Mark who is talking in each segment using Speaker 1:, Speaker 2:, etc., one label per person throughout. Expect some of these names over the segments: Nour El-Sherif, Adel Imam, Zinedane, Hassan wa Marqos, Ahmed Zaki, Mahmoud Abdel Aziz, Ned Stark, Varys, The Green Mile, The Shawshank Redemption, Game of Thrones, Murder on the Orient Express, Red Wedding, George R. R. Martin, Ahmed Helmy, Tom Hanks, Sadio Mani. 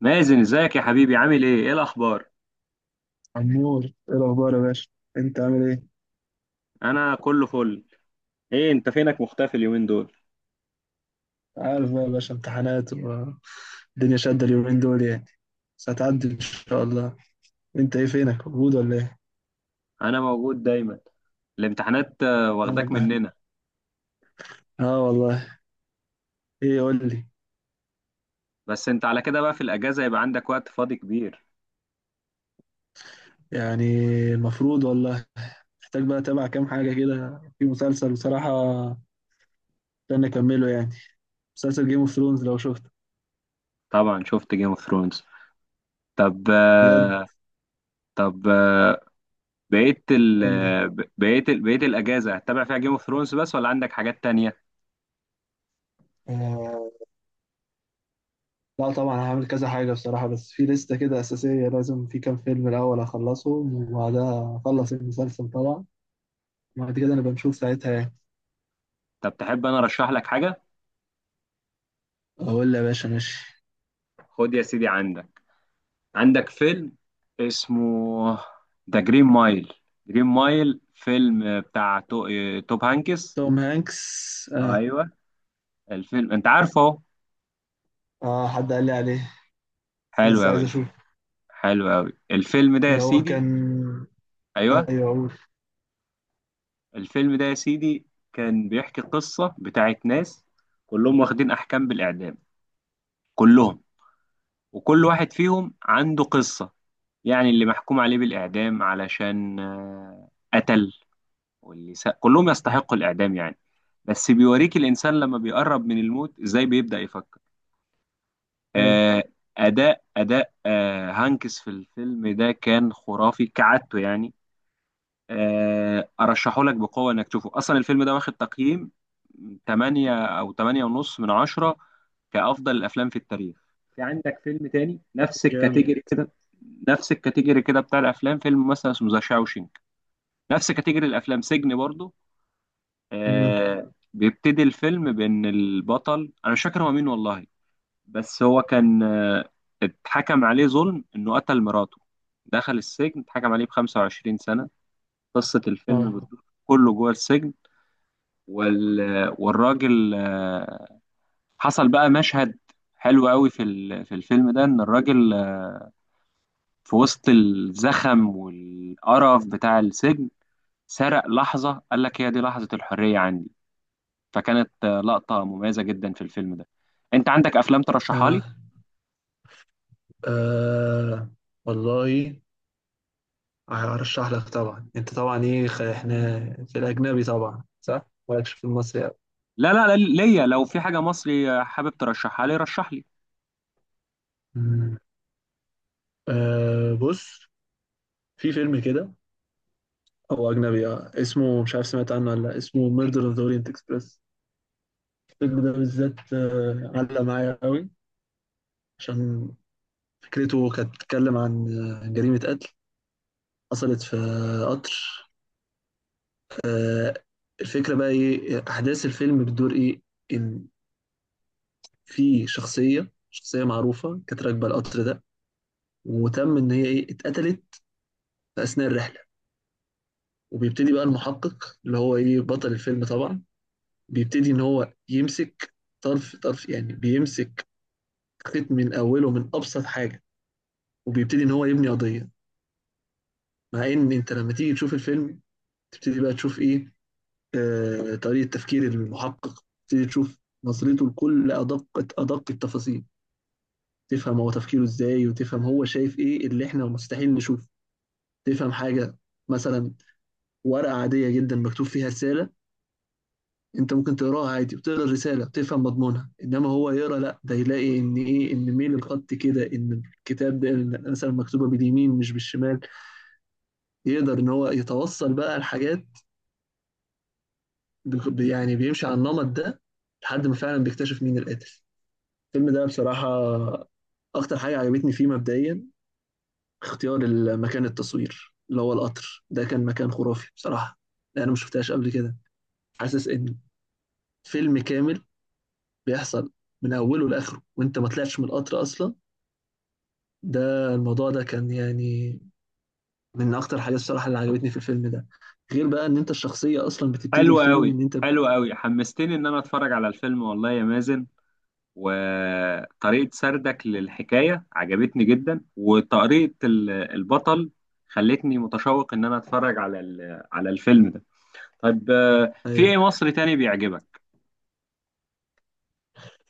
Speaker 1: مازن، ازيك يا حبيبي؟ عامل ايه الاخبار؟
Speaker 2: عمور، ايه الاخبار يا باشا؟ انت عامل ايه؟
Speaker 1: انا كله فل. ايه انت فينك مختفي اليومين دول؟
Speaker 2: عارف بقى يا باشا، امتحانات والدنيا شادة اليومين دول يعني، بس هتعدي ان شاء الله. انت ايه، فينك؟ موجود ولا ايه؟
Speaker 1: انا موجود دايما. الامتحانات
Speaker 2: يا
Speaker 1: واخداك
Speaker 2: رب.
Speaker 1: مننا.
Speaker 2: اه والله. ايه، قول لي.
Speaker 1: بس انت على كده بقى في الاجازه يبقى عندك وقت فاضي كبير.
Speaker 2: يعني المفروض والله، محتاج بقى اتابع كام حاجة كده في مسلسل بصراحة، استنى اكمله يعني. مسلسل جيم اوف ثرونز، لو شفته
Speaker 1: طبعا شفت جيم اوف ثرونز. طب
Speaker 2: بجد
Speaker 1: آه، طب، بقيت ال
Speaker 2: قول لي.
Speaker 1: آه، ب- بقيت ال- بقيت الاجازه هتتابع فيها جيم اوف ثرونز بس، ولا عندك حاجات تانية؟
Speaker 2: آه لا طبعا هعمل كذا حاجة بصراحة، بس في لستة كده أساسية، لازم في كام فيلم الأول أخلصهم وبعدها أخلص المسلسل طبعا. بعد كده نبقى نشوف ساعتها يعني.
Speaker 1: طب تحب انا ارشح لك حاجه؟
Speaker 2: اقول له يا باشا ماشي.
Speaker 1: خد يا سيدي، عندك، عندك فيلم اسمه ذا جرين مايل. جرين مايل فيلم بتاع تو... آه، توب هانكس.
Speaker 2: توم هانكس، اه.
Speaker 1: ايوه. الفيلم انت عارفه اهو.
Speaker 2: اه، حد قال لي عليه، بس
Speaker 1: حلو
Speaker 2: لسه عايز
Speaker 1: قوي،
Speaker 2: اشوف.
Speaker 1: حلو قوي الفيلم ده يا
Speaker 2: اللي هو
Speaker 1: سيدي.
Speaker 2: كان.
Speaker 1: ايوه.
Speaker 2: ايوه، اقول.
Speaker 1: الفيلم ده يا سيدي كان بيحكي قصة بتاعت ناس، كلهم واخدين احكام بالاعدام، كلهم، وكل واحد فيهم عنده قصة. يعني اللي محكوم عليه بالاعدام علشان قتل، كلهم يستحقوا الإعدام يعني. بس بيوريك الإنسان لما بيقرب من الموت إزاي بيبدأ يفكر.
Speaker 2: حلو.
Speaker 1: آه أداء هانكس في الفيلم ده كان خرافي كعادته يعني. أرشحه لك بقوة إنك تشوفه. أصلا الفيلم ده واخد تقييم 8 أو 8 ونص من 10 كأفضل الأفلام في التاريخ. في عندك فيلم تاني نفس
Speaker 2: جامد.
Speaker 1: الكاتيجوري كده، نفس الكاتيجوري كده، بتاع الأفلام، فيلم مثلا اسمه ذا شاوشينك، نفس كاتيجوري الأفلام، سجن برضه.
Speaker 2: مم.
Speaker 1: بيبتدي الفيلم بان البطل، انا مش فاكر هو مين والله، بس هو كان اتحكم عليه ظلم انه قتل مراته. دخل السجن، اتحكم عليه ب 25 سنة. قصة الفيلم
Speaker 2: اه.
Speaker 1: بتدور كله جوه السجن. وال... والراجل حصل بقى مشهد حلو قوي في الفيلم ده، ان الراجل في وسط الزخم والقرف بتاع السجن سرق لحظة، قال لك هي دي لحظة الحرية عندي. فكانت لقطة مميزة جدا في الفيلم ده. انت عندك افلام ترشحها لي؟
Speaker 2: اه. آه، والله هرشح لك طبعا. انت طبعا ايه، احنا في الاجنبي طبعا صح، مالكش في المصري أوي.
Speaker 1: لا لا لا، ليا لو في حاجة مصري حابب ترشحها لي، رشح لي.
Speaker 2: مم. آه بص، في فيلم كده هو اجنبي آه. اسمه، مش عارف سمعت عنه ولا لا، اسمه ميردر اوف ذا اورينت اكسبريس. الفيلم ده بالذات علق معايا قوي، عشان فكرته كانت بتتكلم عن جريمة قتل حصلت في قطر. آه، الفكرة بقى إيه، أحداث الفيلم بتدور إيه؟ إن في شخصية معروفة كانت راكبة القطر ده، وتم إن هي إيه، اتقتلت في أثناء الرحلة. وبيبتدي بقى المحقق، اللي هو إيه، بطل الفيلم طبعا، بيبتدي إن هو يمسك طرف يعني، بيمسك خيط من أوله، من أبسط حاجة، وبيبتدي إن هو يبني قضية. مع ان انت لما تيجي تشوف الفيلم، تبتدي بقى تشوف ايه، آه، طريقه تفكير المحقق، تبتدي تشوف نظرته لكل ادق التفاصيل. تفهم هو تفكيره ازاي، وتفهم هو شايف ايه اللي احنا مستحيل نشوفه. تفهم حاجه مثلا، ورقه عاديه جدا مكتوب فيها رساله، انت ممكن تقراها عادي وتقرا الرساله وتفهم مضمونها، انما هو يقرا لا، ده يلاقي ان ايه، ان ميل الخط كده، ان الكتاب ده مثلا مكتوبه باليمين مش بالشمال. يقدر ان هو يتوصل بقى لحاجات. يعني بيمشي على النمط ده، لحد ما فعلا بيكتشف مين القاتل. الفيلم ده بصراحة، أكتر حاجة عجبتني فيه مبدئيا، اختيار مكان التصوير. اللي هو القطر ده كان مكان خرافي بصراحة، لأن أنا ما شفتهاش قبل كده. حاسس إن فيلم كامل بيحصل من أوله لآخره، وأنت ما طلعتش من القطر أصلا. ده الموضوع ده كان يعني من أكتر حاجات الصراحة اللي عجبتني في الفيلم ده، غير بقى إن أنت الشخصية أصلا بتبتدي
Speaker 1: حلو
Speaker 2: الفيلم
Speaker 1: قوي،
Speaker 2: إن أنت.
Speaker 1: حلو قوي، حمستني ان انا اتفرج على الفيلم والله يا مازن. وطريقة سردك للحكاية عجبتني جدا، وطريقة البطل خلتني متشوق ان انا اتفرج على الفيلم ده. طيب في ايه
Speaker 2: أيوه.
Speaker 1: مصري تاني بيعجبك؟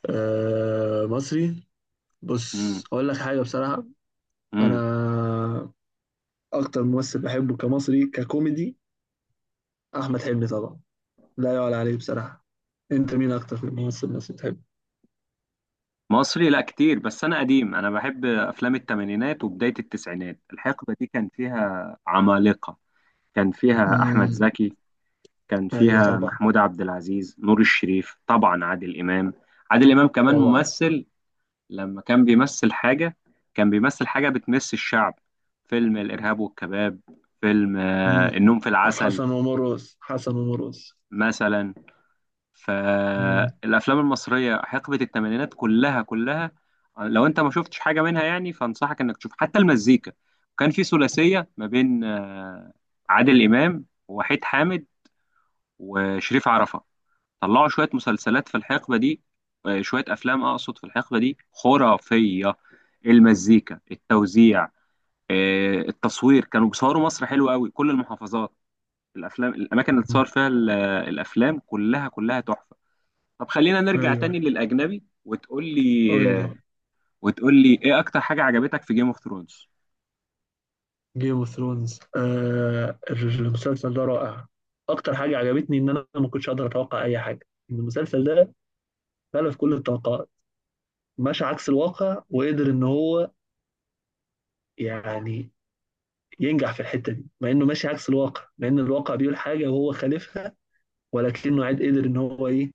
Speaker 2: آه، مصري. بص أقول لك حاجة بصراحة،
Speaker 1: امم
Speaker 2: انا اكتر ممثل بحبه كمصري ككوميدي احمد حلمي طبعا، لا يعلى عليه بصراحه. انت مين اكتر ممثل مصري بتحبه؟
Speaker 1: مصري، لا كتير، بس انا قديم، انا بحب افلام الثمانينات وبدايه التسعينات. الحقبه دي كان فيها عمالقه. كان فيها احمد
Speaker 2: امم.
Speaker 1: زكي، كان
Speaker 2: ايوه
Speaker 1: فيها
Speaker 2: طبعا.
Speaker 1: محمود عبد العزيز، نور الشريف، طبعا عادل امام. عادل امام كمان
Speaker 2: طبعا.
Speaker 1: ممثل، لما كان بيمثل حاجه كان بيمثل حاجه بتمس الشعب. فيلم الارهاب والكباب، فيلم
Speaker 2: امم.
Speaker 1: النوم في العسل،
Speaker 2: حسن ومرقص، حسن ومرقص.
Speaker 1: مثلا.
Speaker 2: امم.
Speaker 1: فالافلام المصريه حقبه الثمانينات كلها كلها، لو انت ما شفتش حاجه منها يعني فانصحك انك تشوف، حتى المزيكا. كان في ثلاثيه ما بين عادل امام ووحيد حامد وشريف عرفه، طلعوا شويه مسلسلات في الحقبه دي، شويه افلام اقصد في الحقبه دي خرافيه. المزيكا، التوزيع، التصوير، كانوا بيصوروا مصر حلو قوي، كل المحافظات. الافلام، الاماكن اللي
Speaker 2: أمم.
Speaker 1: اتصور فيها الافلام كلها كلها تحفه. طب خلينا نرجع تاني
Speaker 2: ايوه،
Speaker 1: للأجنبي، وتقول لي
Speaker 2: قول لي.
Speaker 1: وتقول لي إيه أكتر حاجة عجبتك في جيم اوف ثرونز؟
Speaker 2: جيم اوف ثرونز، آه، المسلسل ده رائع. اكتر حاجه عجبتني ان انا ما كنتش اقدر اتوقع اي حاجه، إن المسلسل ده خلف كل التوقعات، مشى عكس الواقع، وقدر ان هو يعني ينجح في الحتة دي، مع انه ماشي عكس الواقع، مع ان الواقع بيقول حاجة وهو خالفها، ولكنه عاد قدر ان هو ايه،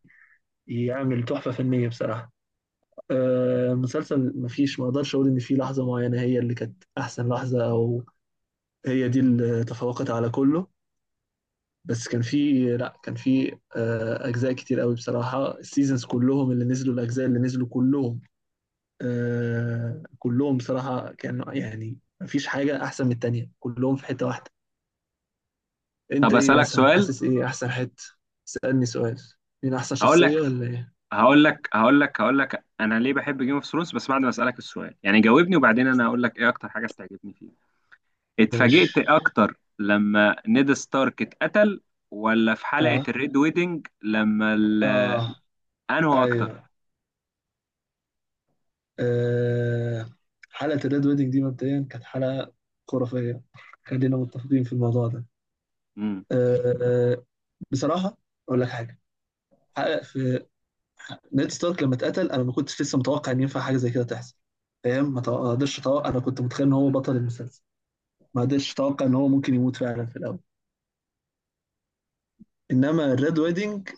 Speaker 2: يعمل تحفة فنية بصراحة. آه مسلسل مفيش، ما اقدرش اقول ان في لحظة معينة هي اللي كانت احسن لحظة، او هي دي اللي تفوقت على كله. بس كان في لا كان في آه اجزاء كتير قوي بصراحة. السيزونز كلهم اللي نزلوا، الاجزاء اللي نزلوا كلهم، آه، كلهم بصراحة كانوا يعني مفيش حاجة احسن من التانية، كلهم في حتة واحدة. انت
Speaker 1: طب
Speaker 2: ايه
Speaker 1: أسألك
Speaker 2: مثلا،
Speaker 1: سؤال.
Speaker 2: حاسس ايه احسن حته؟ سألني سؤال، مين احسن
Speaker 1: هقول لك
Speaker 2: شخصيه ولا ايه؟
Speaker 1: هقول لك أنا ليه بحب جيم اوف ثرونز، بس بعد ما أسألك السؤال يعني، جاوبني وبعدين أنا هقول لك إيه أكتر حاجة بتعجبني فيه. اتفاجئت
Speaker 2: ماشي.
Speaker 1: أكتر لما نيد ستارك اتقتل، ولا في حلقة
Speaker 2: اه.
Speaker 1: الريد ويدنج لما
Speaker 2: اه.
Speaker 1: أنهو أكتر؟
Speaker 2: ايوه. آه. حلقة الريد ويدنج دي مبدئيا كانت حلقة خرافية، خلينا متفقين في الموضوع ده. آه. آه، بصراحة اقول لك حاجة، حلقة في نيد ستارك لما اتقتل، انا ما كنتش لسه متوقع ان ينفع حاجة زي كده تحصل. فاهم؟ ما قدرتش اتوقع، انا كنت متخيل ان هو بطل المسلسل، ما قدرتش اتوقع ان هو ممكن يموت فعلا في الاول. انما الريد ويدنج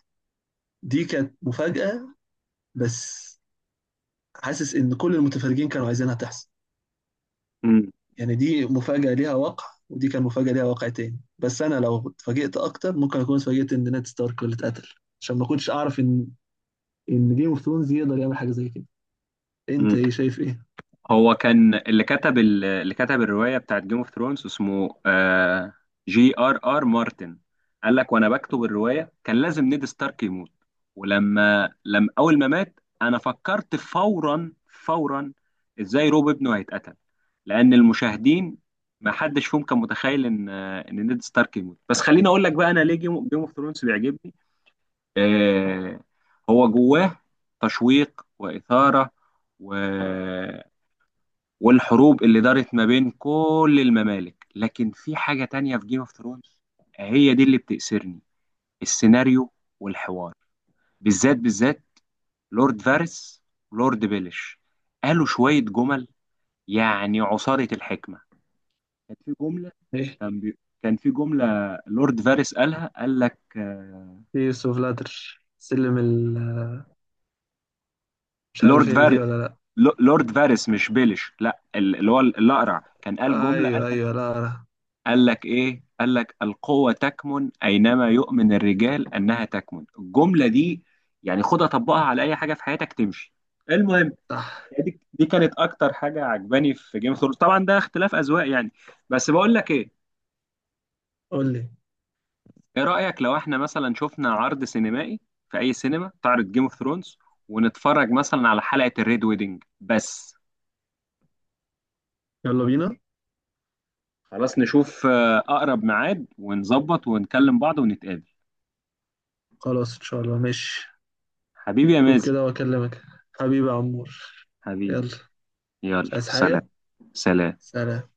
Speaker 2: دي كانت مفاجأة بس، حاسس ان كل المتفرجين كانوا عايزينها تحصل.
Speaker 1: امم
Speaker 2: يعني دي مفاجأة ليها واقع، ودي كان مفاجأة ليها واقع تاني، بس انا لو اتفاجئت اكتر ممكن اكون اتفاجئت ان نيد ستارك هو اللي اتقتل. عشان ما كنتش اعرف ان ان جيم اوف ثرونز يقدر يعمل حاجة زي كده. انت ايه، شايف ايه؟
Speaker 1: هو كان اللي كتب الروايه بتاعت جيم اوف ثرونز اسمه جي ار ار مارتن. قال لك وانا بكتب الروايه كان لازم نيد ستارك يموت. ولما اول ما مات انا فكرت فورا فورا ازاي روب ابنه هيتقتل. لان المشاهدين ما حدش فيهم كان متخيل ان نيد ستارك يموت. بس خليني اقول لك بقى انا ليه جيم اوف ثرونز بيعجبني. آه، هو جواه تشويق واثاره، و والحروب اللي دارت ما بين كل الممالك. لكن في حاجة تانية في جيم اوف ثرونز هي دي اللي بتأسرني، السيناريو والحوار، بالذات بالذات لورد فارس ولورد بيليش، قالوا شوية جمل يعني عصارة الحكمة. كان في جملة،
Speaker 2: ايه،
Speaker 1: كان بي... كان في جملة لورد فارس قالها، قال لك
Speaker 2: ايه اوف لاتر سلم ال، مش
Speaker 1: لورد
Speaker 2: عارف هي دي
Speaker 1: فارس،
Speaker 2: ولا لا.
Speaker 1: لورد فارس مش بيليش، لا اللي هو الأقرع، كان قال جملة
Speaker 2: ايوه ايوه، لا لا.
Speaker 1: قال لك ايه، قال لك القوة تكمن اينما يؤمن الرجال انها تكمن. الجملة دي يعني خدها طبقها على اي حاجة في حياتك تمشي. المهم،
Speaker 2: صح.
Speaker 1: يعني دي كانت اكتر حاجة عجباني في جيم اوف ثرونز، طبعا ده اختلاف اذواق يعني. بس بقول لك ايه،
Speaker 2: قول لي.
Speaker 1: ايه رأيك لو احنا مثلا شفنا عرض سينمائي في اي سينما تعرض جيم اوف ثرونز ونتفرج مثلا على حلقة الريد ويدنج بس؟
Speaker 2: يلا بينا.
Speaker 1: خلاص نشوف اقرب ميعاد ونظبط ونكلم بعض ونتقابل.
Speaker 2: خلاص ان شاء الله، ماشي.
Speaker 1: حبيبي يا
Speaker 2: شوف
Speaker 1: مازن،
Speaker 2: كده واكلمك. حبيبي يا عمور.
Speaker 1: حبيبي،
Speaker 2: يلا.
Speaker 1: يلا
Speaker 2: مش عايز
Speaker 1: سلام.
Speaker 2: حاجة.
Speaker 1: سلام.
Speaker 2: سلام.